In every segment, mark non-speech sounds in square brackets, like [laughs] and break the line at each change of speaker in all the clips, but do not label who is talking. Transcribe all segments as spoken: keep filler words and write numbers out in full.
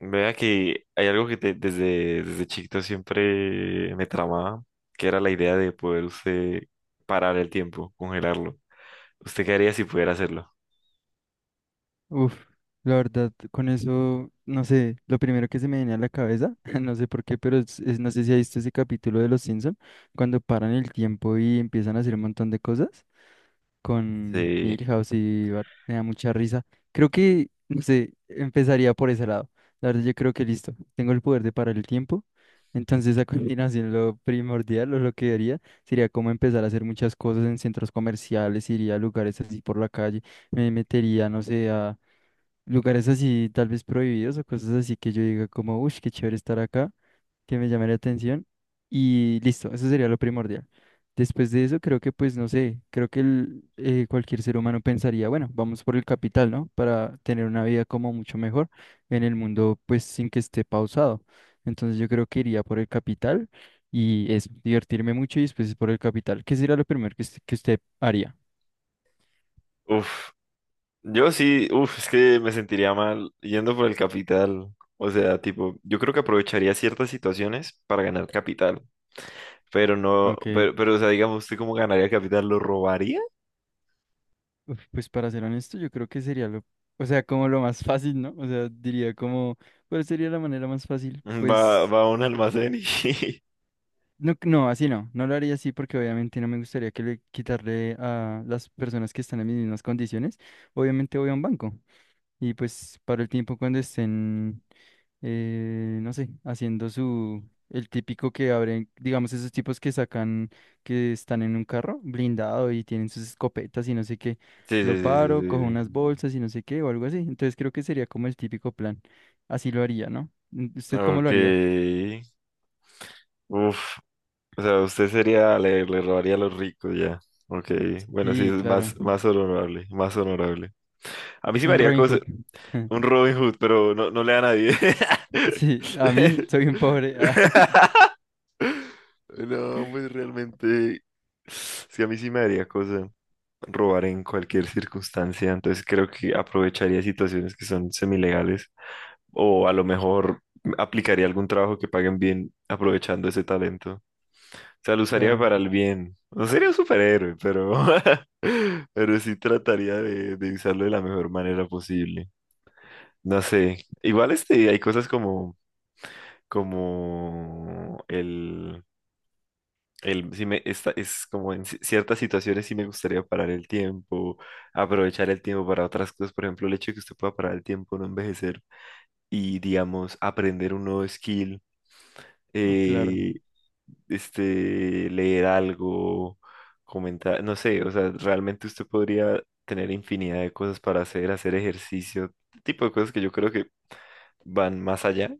Vea que hay algo que te- desde, desde chiquito siempre me tramaba, que era la idea de poder usted parar el tiempo, congelarlo. ¿Usted qué haría si pudiera hacerlo?
Uf, la verdad, con eso, no sé, lo primero que se me viene a la cabeza, [laughs] no sé por qué, pero es- es- no sé si has visto ese capítulo de Los Simpson, cuando paran el tiempo y empiezan a hacer un montón de cosas con
Sí.
Milhouse y Bart, me da mucha risa. Creo que, no sé, empezaría por ese lado. La verdad, yo creo que listo, tengo el poder de parar el tiempo, entonces a [laughs] continuación lo primordial o lo que haría sería como empezar a hacer muchas cosas en centros comerciales, iría a lugares así por la calle, me metería, no sé, a lugares así tal vez prohibidos o cosas así que yo diga como, uff, qué chévere estar acá, que me llame la atención y listo, eso sería lo primordial. Después de eso creo que pues no sé, creo que el, eh, cualquier ser humano pensaría, bueno, vamos por el capital, ¿no? Para tener una vida como mucho mejor en el mundo pues sin que esté pausado. Entonces yo creo que iría por el capital y eso, divertirme mucho y después por el capital. ¿Qué sería lo primero que, usted- que usted haría?
Uf. Yo sí, uf, es que me sentiría mal yendo por el capital. O sea, tipo, yo creo que aprovecharía ciertas situaciones para ganar capital. Pero no,
Ok.
pero, pero o sea, digamos, ¿usted cómo ganaría capital? ¿Lo robaría?
Uf, pues para ser honesto, yo creo que sería lo, o sea, como lo más fácil, ¿no? O sea, diría como, ¿cuál sería la manera más fácil?
Va,
Pues,
va a un almacén y... [laughs]
no, no, así no, no lo haría así porque obviamente no me gustaría que le quitarle a las personas que están en mis mismas condiciones. Obviamente voy a un banco. Y pues para el tiempo cuando estén, eh, no sé, haciendo su, el típico que abren, digamos, esos tipos que sacan, que están en un carro blindado y tienen sus escopetas y no sé qué,
Sí,
lo
sí, sí,
paro, cojo
sí, sí,
unas bolsas y no sé qué o algo así. Entonces creo que sería como el típico plan. Así lo haría, ¿no?
sí.
¿Usted cómo lo haría?
Ok. Uf, o sea, usted sería, le, le robaría a los ricos ya. Ok, bueno, sí, es
Sí,
más,
claro.
más honorable, más honorable. A mí sí me
Un
haría
Robin
cosa,
Hood. [laughs]
un Robin Hood, pero no, no le da a nadie.
Sí, a mí soy un pobre. [laughs]
[laughs] No, pues realmente, sí, a mí sí me haría cosa robar en cualquier circunstancia, entonces creo que aprovecharía situaciones que son semilegales o a lo mejor aplicaría algún trabajo que paguen bien aprovechando ese talento sea, lo usaría
Claro,
para el bien. No sería un superhéroe, pero, [laughs] pero sí trataría de, de usarlo de la mejor manera posible. No sé. Igual este, hay cosas como, como el, el, sí me, esta, es como en ci- ciertas situaciones sí me gustaría parar el tiempo, aprovechar el tiempo para otras cosas. Por ejemplo, el hecho de que usted pueda parar el tiempo, no envejecer y, digamos, aprender un nuevo skill.
uf, claro.
eh, este, leer algo, comentar, no sé, o sea, realmente usted podría tener infinidad de cosas para hacer, hacer ejercicio, tipo de cosas que yo creo que van más allá.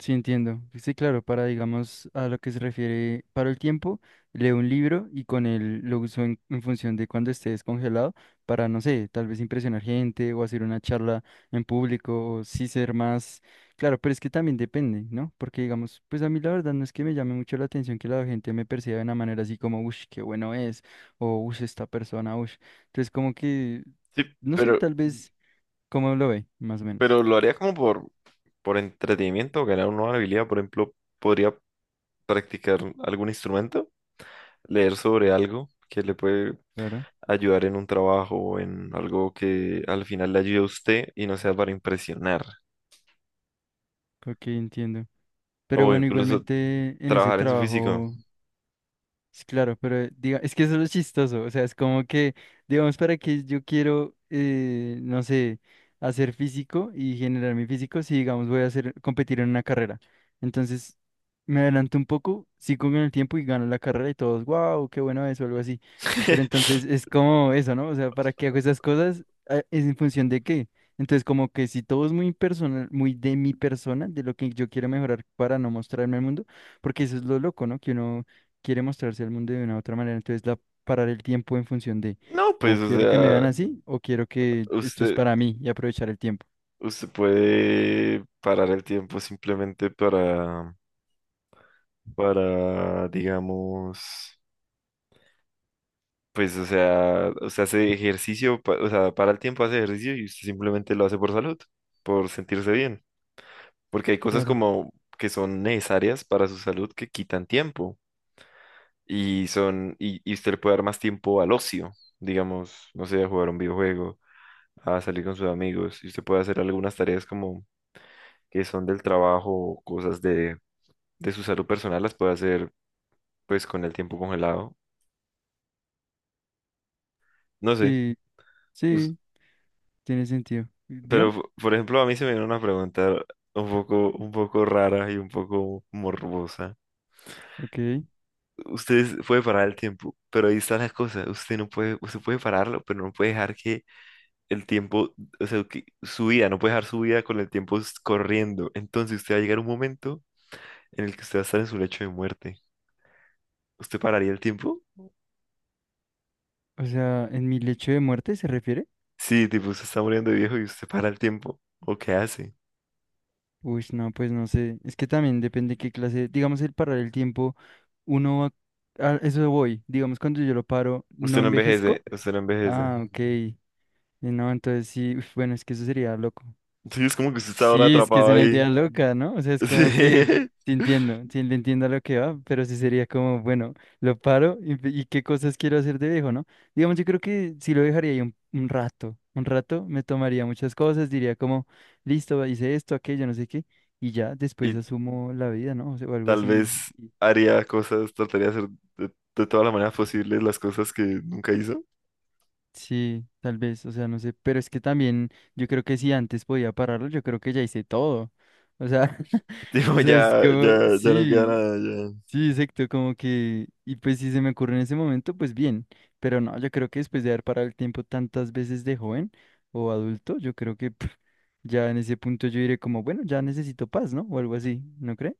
Sí, entiendo. Sí, claro, para, digamos, a lo que se refiere, para el tiempo, leo un libro y con él lo uso en, en función de cuando esté descongelado para, no sé, tal vez impresionar gente o hacer una charla en público o sí ser más... Claro, pero es que también depende, ¿no? Porque, digamos, pues a mí la verdad no es que me llame mucho la atención que la gente me perciba de una manera así como, uff, qué bueno es, o uff, esta persona, uff. Entonces, como que,
Sí,
no sé,
pero,
tal vez, ¿cómo lo ve? Más o menos.
pero lo haría como por, por entretenimiento, ganar una nueva habilidad, por ejemplo, podría practicar algún instrumento, leer sobre algo que le puede
Claro.
ayudar en un trabajo, o en algo que al final le ayude a usted y no sea para impresionar.
Ok, entiendo. Pero
O
bueno,
incluso
igualmente en ese
trabajar en su físico.
trabajo. Sí, claro, pero eh, diga, es que eso es lo chistoso, o sea, es como que, digamos, para que yo quiero, eh, no sé, hacer físico y generar mi físico, si digamos voy a hacer, competir en una carrera. Entonces, me adelanto un poco, sigo con el tiempo y gano la carrera y todos, wow, qué bueno eso, algo así. Pero
[laughs]
entonces es como eso, ¿no? O sea, ¿para qué hago esas cosas? Ah, ¿es en función de qué? Entonces, como que si todo es muy personal, muy de mi persona, de lo que yo quiero mejorar para no mostrarme al mundo, porque eso es lo loco, ¿no? Que uno quiere mostrarse al mundo de una u otra manera, entonces la parar el tiempo en función de
No, pues,
o
o
quiero que me vean
sea,
así o quiero que esto es
usted,
para mí y aprovechar el tiempo.
usted puede parar el tiempo simplemente para, para, digamos, pues, o sea, usted hace ejercicio, pa- o sea, para el tiempo hace ejercicio y usted simplemente lo hace por salud, por sentirse bien, porque hay cosas
Claro.
como que son necesarias para su salud que quitan tiempo y son, y, y usted le puede dar más tiempo al ocio, digamos, no sé, a jugar un videojuego a salir con sus amigos y usted puede hacer algunas tareas como que son del trabajo o cosas de, de su salud personal, las puede hacer pues con el tiempo congelado. No sé,
Sí,
us-
sí, tiene sentido.
pero
Dígame.
p- por ejemplo a mí se me viene una pregunta un poco, un poco rara y un poco morbosa.
Ok.
Usted es- puede parar el tiempo, pero ahí está la cosa. Usted no puede, usted puede pararlo, pero no puede dejar que el tiempo, o sea, que su vida, no puede dejar su vida con el tiempo s- corriendo. Entonces usted va a llegar a un momento en el que usted va a estar en su lecho de muerte. ¿Usted pararía el tiempo?
O sea, ¿en mi lecho de muerte se refiere?
Sí, tipo, usted está muriendo de viejo y usted para el tiempo. ¿O qué hace?
Uy, no, pues no sé. Es que también depende qué clase, digamos el parar el tiempo, uno va, a eso voy, digamos cuando yo lo paro, ¿no
Usted no envejece,
envejezco?
usted no envejece.
Ah, ok. Y no, entonces sí, uf, bueno, es que eso sería loco.
Sí, es como que usted está ahora
Sí, es que es
atrapado
una
ahí.
idea loca, ¿no? O sea,
[laughs]
es como que
Sí.
te entiendo, sí le entiendo a lo que va, pero sí sería como, bueno, lo paro y, pe- y qué cosas quiero hacer de viejo, ¿no? Digamos, yo creo que sí lo dejaría ahí un, un rato, un rato me tomaría muchas cosas, diría como, listo, hice esto, aquello, no sé qué, y ya después
Y
asumo la vida, ¿no? O sea, o algo
tal
así.
vez
y-
haría cosas, trataría de hacer de, de todas las maneras posibles las cosas que nunca hizo.
Sí, tal vez, o sea, no sé, pero es que también yo creo que si antes podía pararlo, yo creo que ya hice todo. O sea,
[laughs]
[laughs] o
Tipo,
sea, es
ya, ya,
como,
ya no queda
sí.
nada, ya.
Sí, exacto, como que, y pues si se me ocurre en ese momento, pues bien, pero no, yo creo que después de haber parado el tiempo tantas veces de joven o adulto, yo creo que pf, ya en ese punto yo diré como, bueno, ya necesito paz, ¿no? O algo así, ¿no cree?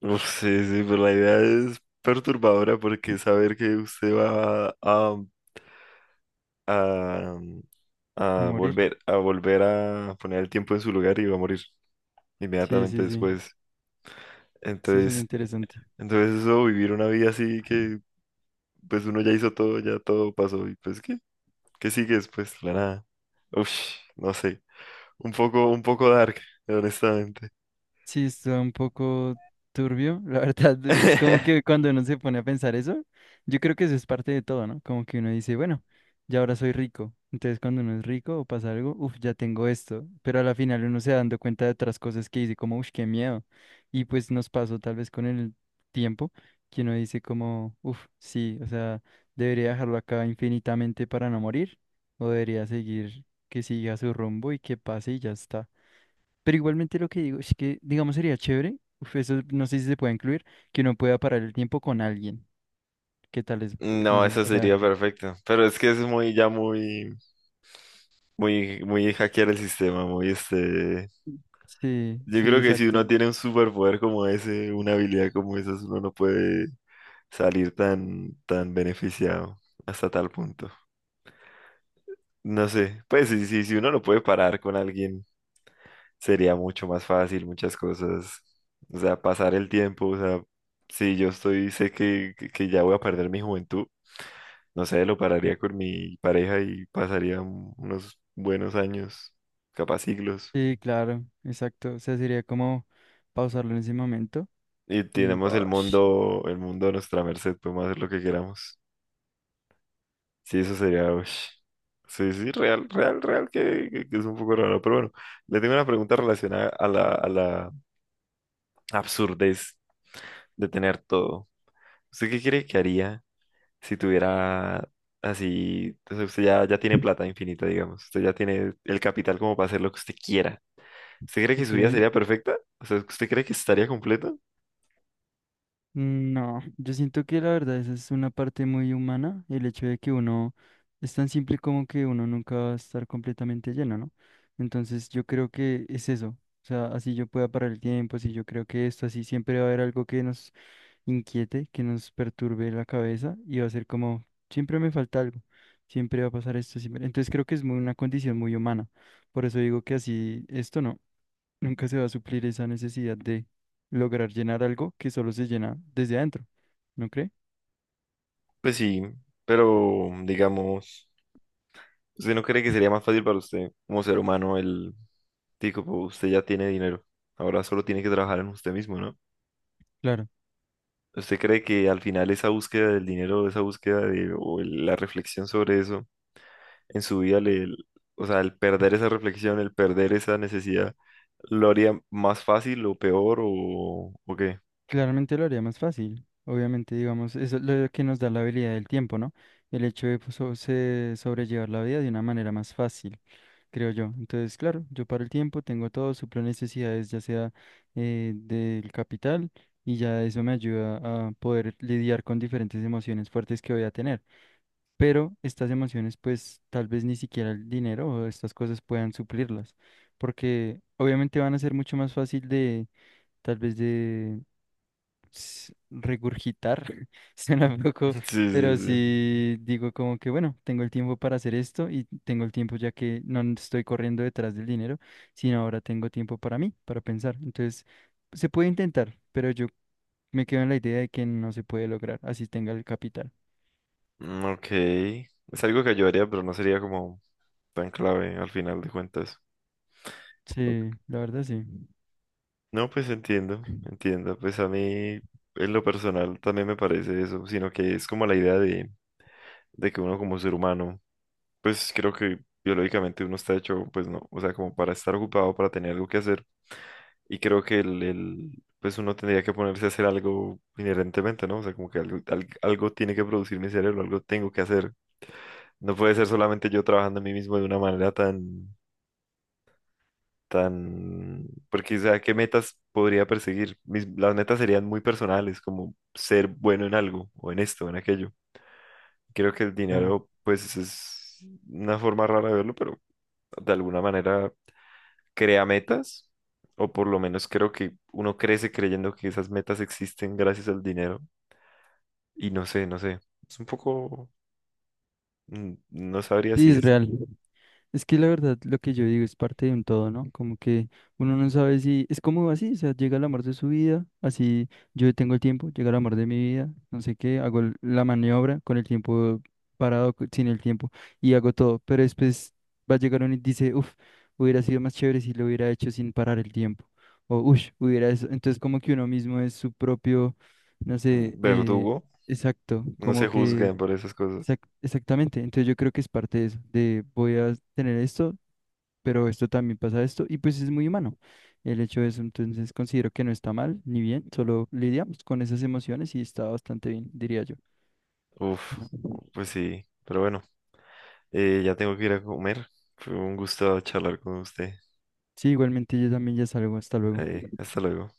Uf, sí, sí, pero la idea es perturbadora porque saber que usted va a, a,
A
a
morir.
volver, a volver a poner el tiempo en su lugar y va a morir
Sí,
inmediatamente
sí, sí,
después.
eso suena
Entonces,
interesante.
entonces eso, vivir una vida así que pues uno ya hizo todo, ya todo pasó y pues ¿qué? ¿Qué sigue después? La nada. Uf, no sé. Un poco, un poco dark, honestamente.
Sí, está un poco turbio, la [laughs] verdad. Es como que
[laughs]
cuando uno se pone a pensar eso, yo creo que eso es parte de todo, ¿no? Como que uno dice, bueno, ya ahora soy rico. Entonces cuando uno es rico o pasa algo, uff, ya tengo esto. Pero a la final uno se va dando cuenta de otras cosas que dice como, uff, qué miedo. Y pues nos pasó tal vez con el tiempo que uno dice como, uff, sí, o sea, debería dejarlo acá infinitamente para no morir o debería seguir que siga su rumbo y que pase y ya está. Pero igualmente lo que digo es que, digamos, sería chévere, uf, eso no sé si se puede incluir, que uno pueda parar el tiempo con alguien. ¿Qué tal eso? No
No,
sé,
eso
o sea,
sería perfecto. Pero es que es muy, ya muy, muy, muy hackear el sistema, muy este.
sí,
Yo
sí,
creo que si uno
exacto.
tiene un superpoder como ese, una habilidad como esa, uno no puede salir tan, tan beneficiado hasta tal punto. No sé, pues sí, sí, si uno lo puede parar con alguien, sería mucho más fácil muchas cosas. O sea, pasar el tiempo, o sea, si yo estoy, sé que, que que ya voy a perder mi juventud, no sé, lo pararía con mi pareja y pasaría un- unos buenos años, capaz siglos.
Sí, claro, exacto. O sea, sería como pausarlo en ese momento
Y
y
tenemos el
wash.
mundo, el mundo a nuestra merced, podemos hacer lo que queramos. Sí, eso sería, ush. Sí, sí, real, real, real, que, que- que es un poco raro, pero bueno, le tengo una pregunta relacionada a la, a la absurdez de tener todo. ¿Usted qué cree que haría si tuviera así, o sea, usted ya, ya tiene plata infinita, digamos, usted ya tiene el capital como para hacer lo que usted quiera? ¿Usted cree que su
Ok.
vida sería perfecta? O sea, ¿usted cree que estaría completa?
No, yo siento que la verdad esa es una parte muy humana, el hecho de que uno es tan simple como que uno nunca va a estar completamente lleno, ¿no? Entonces yo creo que es eso, o sea, así yo pueda parar el tiempo, así yo creo que esto, así siempre va a haber algo que nos inquiete, que nos perturbe la cabeza y va a ser como, siempre me falta algo, siempre va a pasar esto, siempre. Entonces creo que es muy, una condición muy humana, por eso digo que así, esto no. Nunca se va a suplir esa necesidad de lograr llenar algo que solo se llena desde adentro, ¿no cree?
Pues sí, pero digamos, ¿usted no cree que sería más fácil para usted como ser humano el tipo, pues, usted ya tiene dinero, ahora solo tiene que trabajar en usted mismo, ¿no?
Claro,
¿Usted cree que al final esa búsqueda del dinero, esa búsqueda de, o el- la reflexión sobre eso, en su vida le, o sea, el perder esa reflexión, el perder esa necesidad, ¿lo haría más fácil o peor o, o qué? [laughs]
claramente lo haría más fácil. Obviamente, digamos, eso es lo que nos da la habilidad del tiempo, ¿no? El hecho de pues, so- se- sobrellevar la vida de una manera más fácil, creo yo. Entonces, claro, yo paro el tiempo, tengo todo, suplo necesidades, ya sea eh, del capital, y ya eso me ayuda a poder lidiar con diferentes emociones fuertes que voy a tener. Pero estas emociones pues tal vez ni siquiera el dinero o estas cosas puedan suplirlas, porque obviamente van a ser mucho más fácil de tal vez de s- regurgitar, [laughs] suena un poco,
Sí, sí,
pero
sí.
sí digo como que bueno, tengo el tiempo para hacer esto y tengo el tiempo ya que no n- estoy corriendo detrás del dinero, sino ahora tengo tiempo para mí, para pensar. Entonces, se puede intentar, pero yo me quedo en la idea de que no se puede lograr, así tenga el capital.
Mm, ok. Es algo que yo haría, pero no sería como tan clave al final de cuentas. Ok.
Sí, la verdad sí.
No, pues entiendo, entiendo. Pues a mí, en lo personal, también me parece eso, sino que es como la idea de, de que uno como ser humano, pues creo que biológicamente uno está hecho, pues no, o sea, como para estar ocupado, para tener algo que hacer. Y creo que el, el, pues uno tendría que ponerse a hacer algo inherentemente, ¿no? O sea, como que algo, al- algo tiene que producir mi cerebro, algo tengo que hacer. No puede ser solamente yo trabajando en mí mismo de una manera tan, tan, porque, o sea, ¿qué metas podría perseguir? Mis, las metas serían muy personales, como ser bueno en algo, o en esto, o en aquello. Creo que el
Claro.
dinero, pues, es una forma rara de verlo, pero de alguna manera crea metas, o por lo menos creo que uno crece creyendo que esas metas existen gracias al dinero. Y no sé, no sé. Es un poco, mm, no sabría
Sí,
si
es
es
real. Es que la verdad lo que yo digo es parte de un todo, ¿no? Como que uno no sabe si es como así, o sea, llega el amor de su vida, así yo tengo el tiempo, llega el amor de mi vida, no sé qué, hago el- la maniobra con el tiempo parado, co- sin el tiempo y hago todo, pero después va a llegar uno y dice, uff, hubiera sido más chévere si lo hubiera hecho sin parar el tiempo, o uff, hubiera eso. Entonces como que uno mismo es su propio, no sé,
mm,
eh,
verdugo.
exacto,
No se
como que...
juzgan por esas cosas.
Exac- Exactamente, entonces yo creo que es parte de eso, de voy a tener esto, pero esto también pasa esto, y pues es muy humano el hecho de eso, entonces considero que no está mal ni bien, solo lidiamos con esas emociones y está bastante bien, diría yo.
Uf,
¿No?
pues sí. Pero bueno, eh, ya tengo que ir a comer. Fue un gusto charlar con usted.
Sí, igualmente yo también ya salgo, hasta luego.
Eh, hasta luego.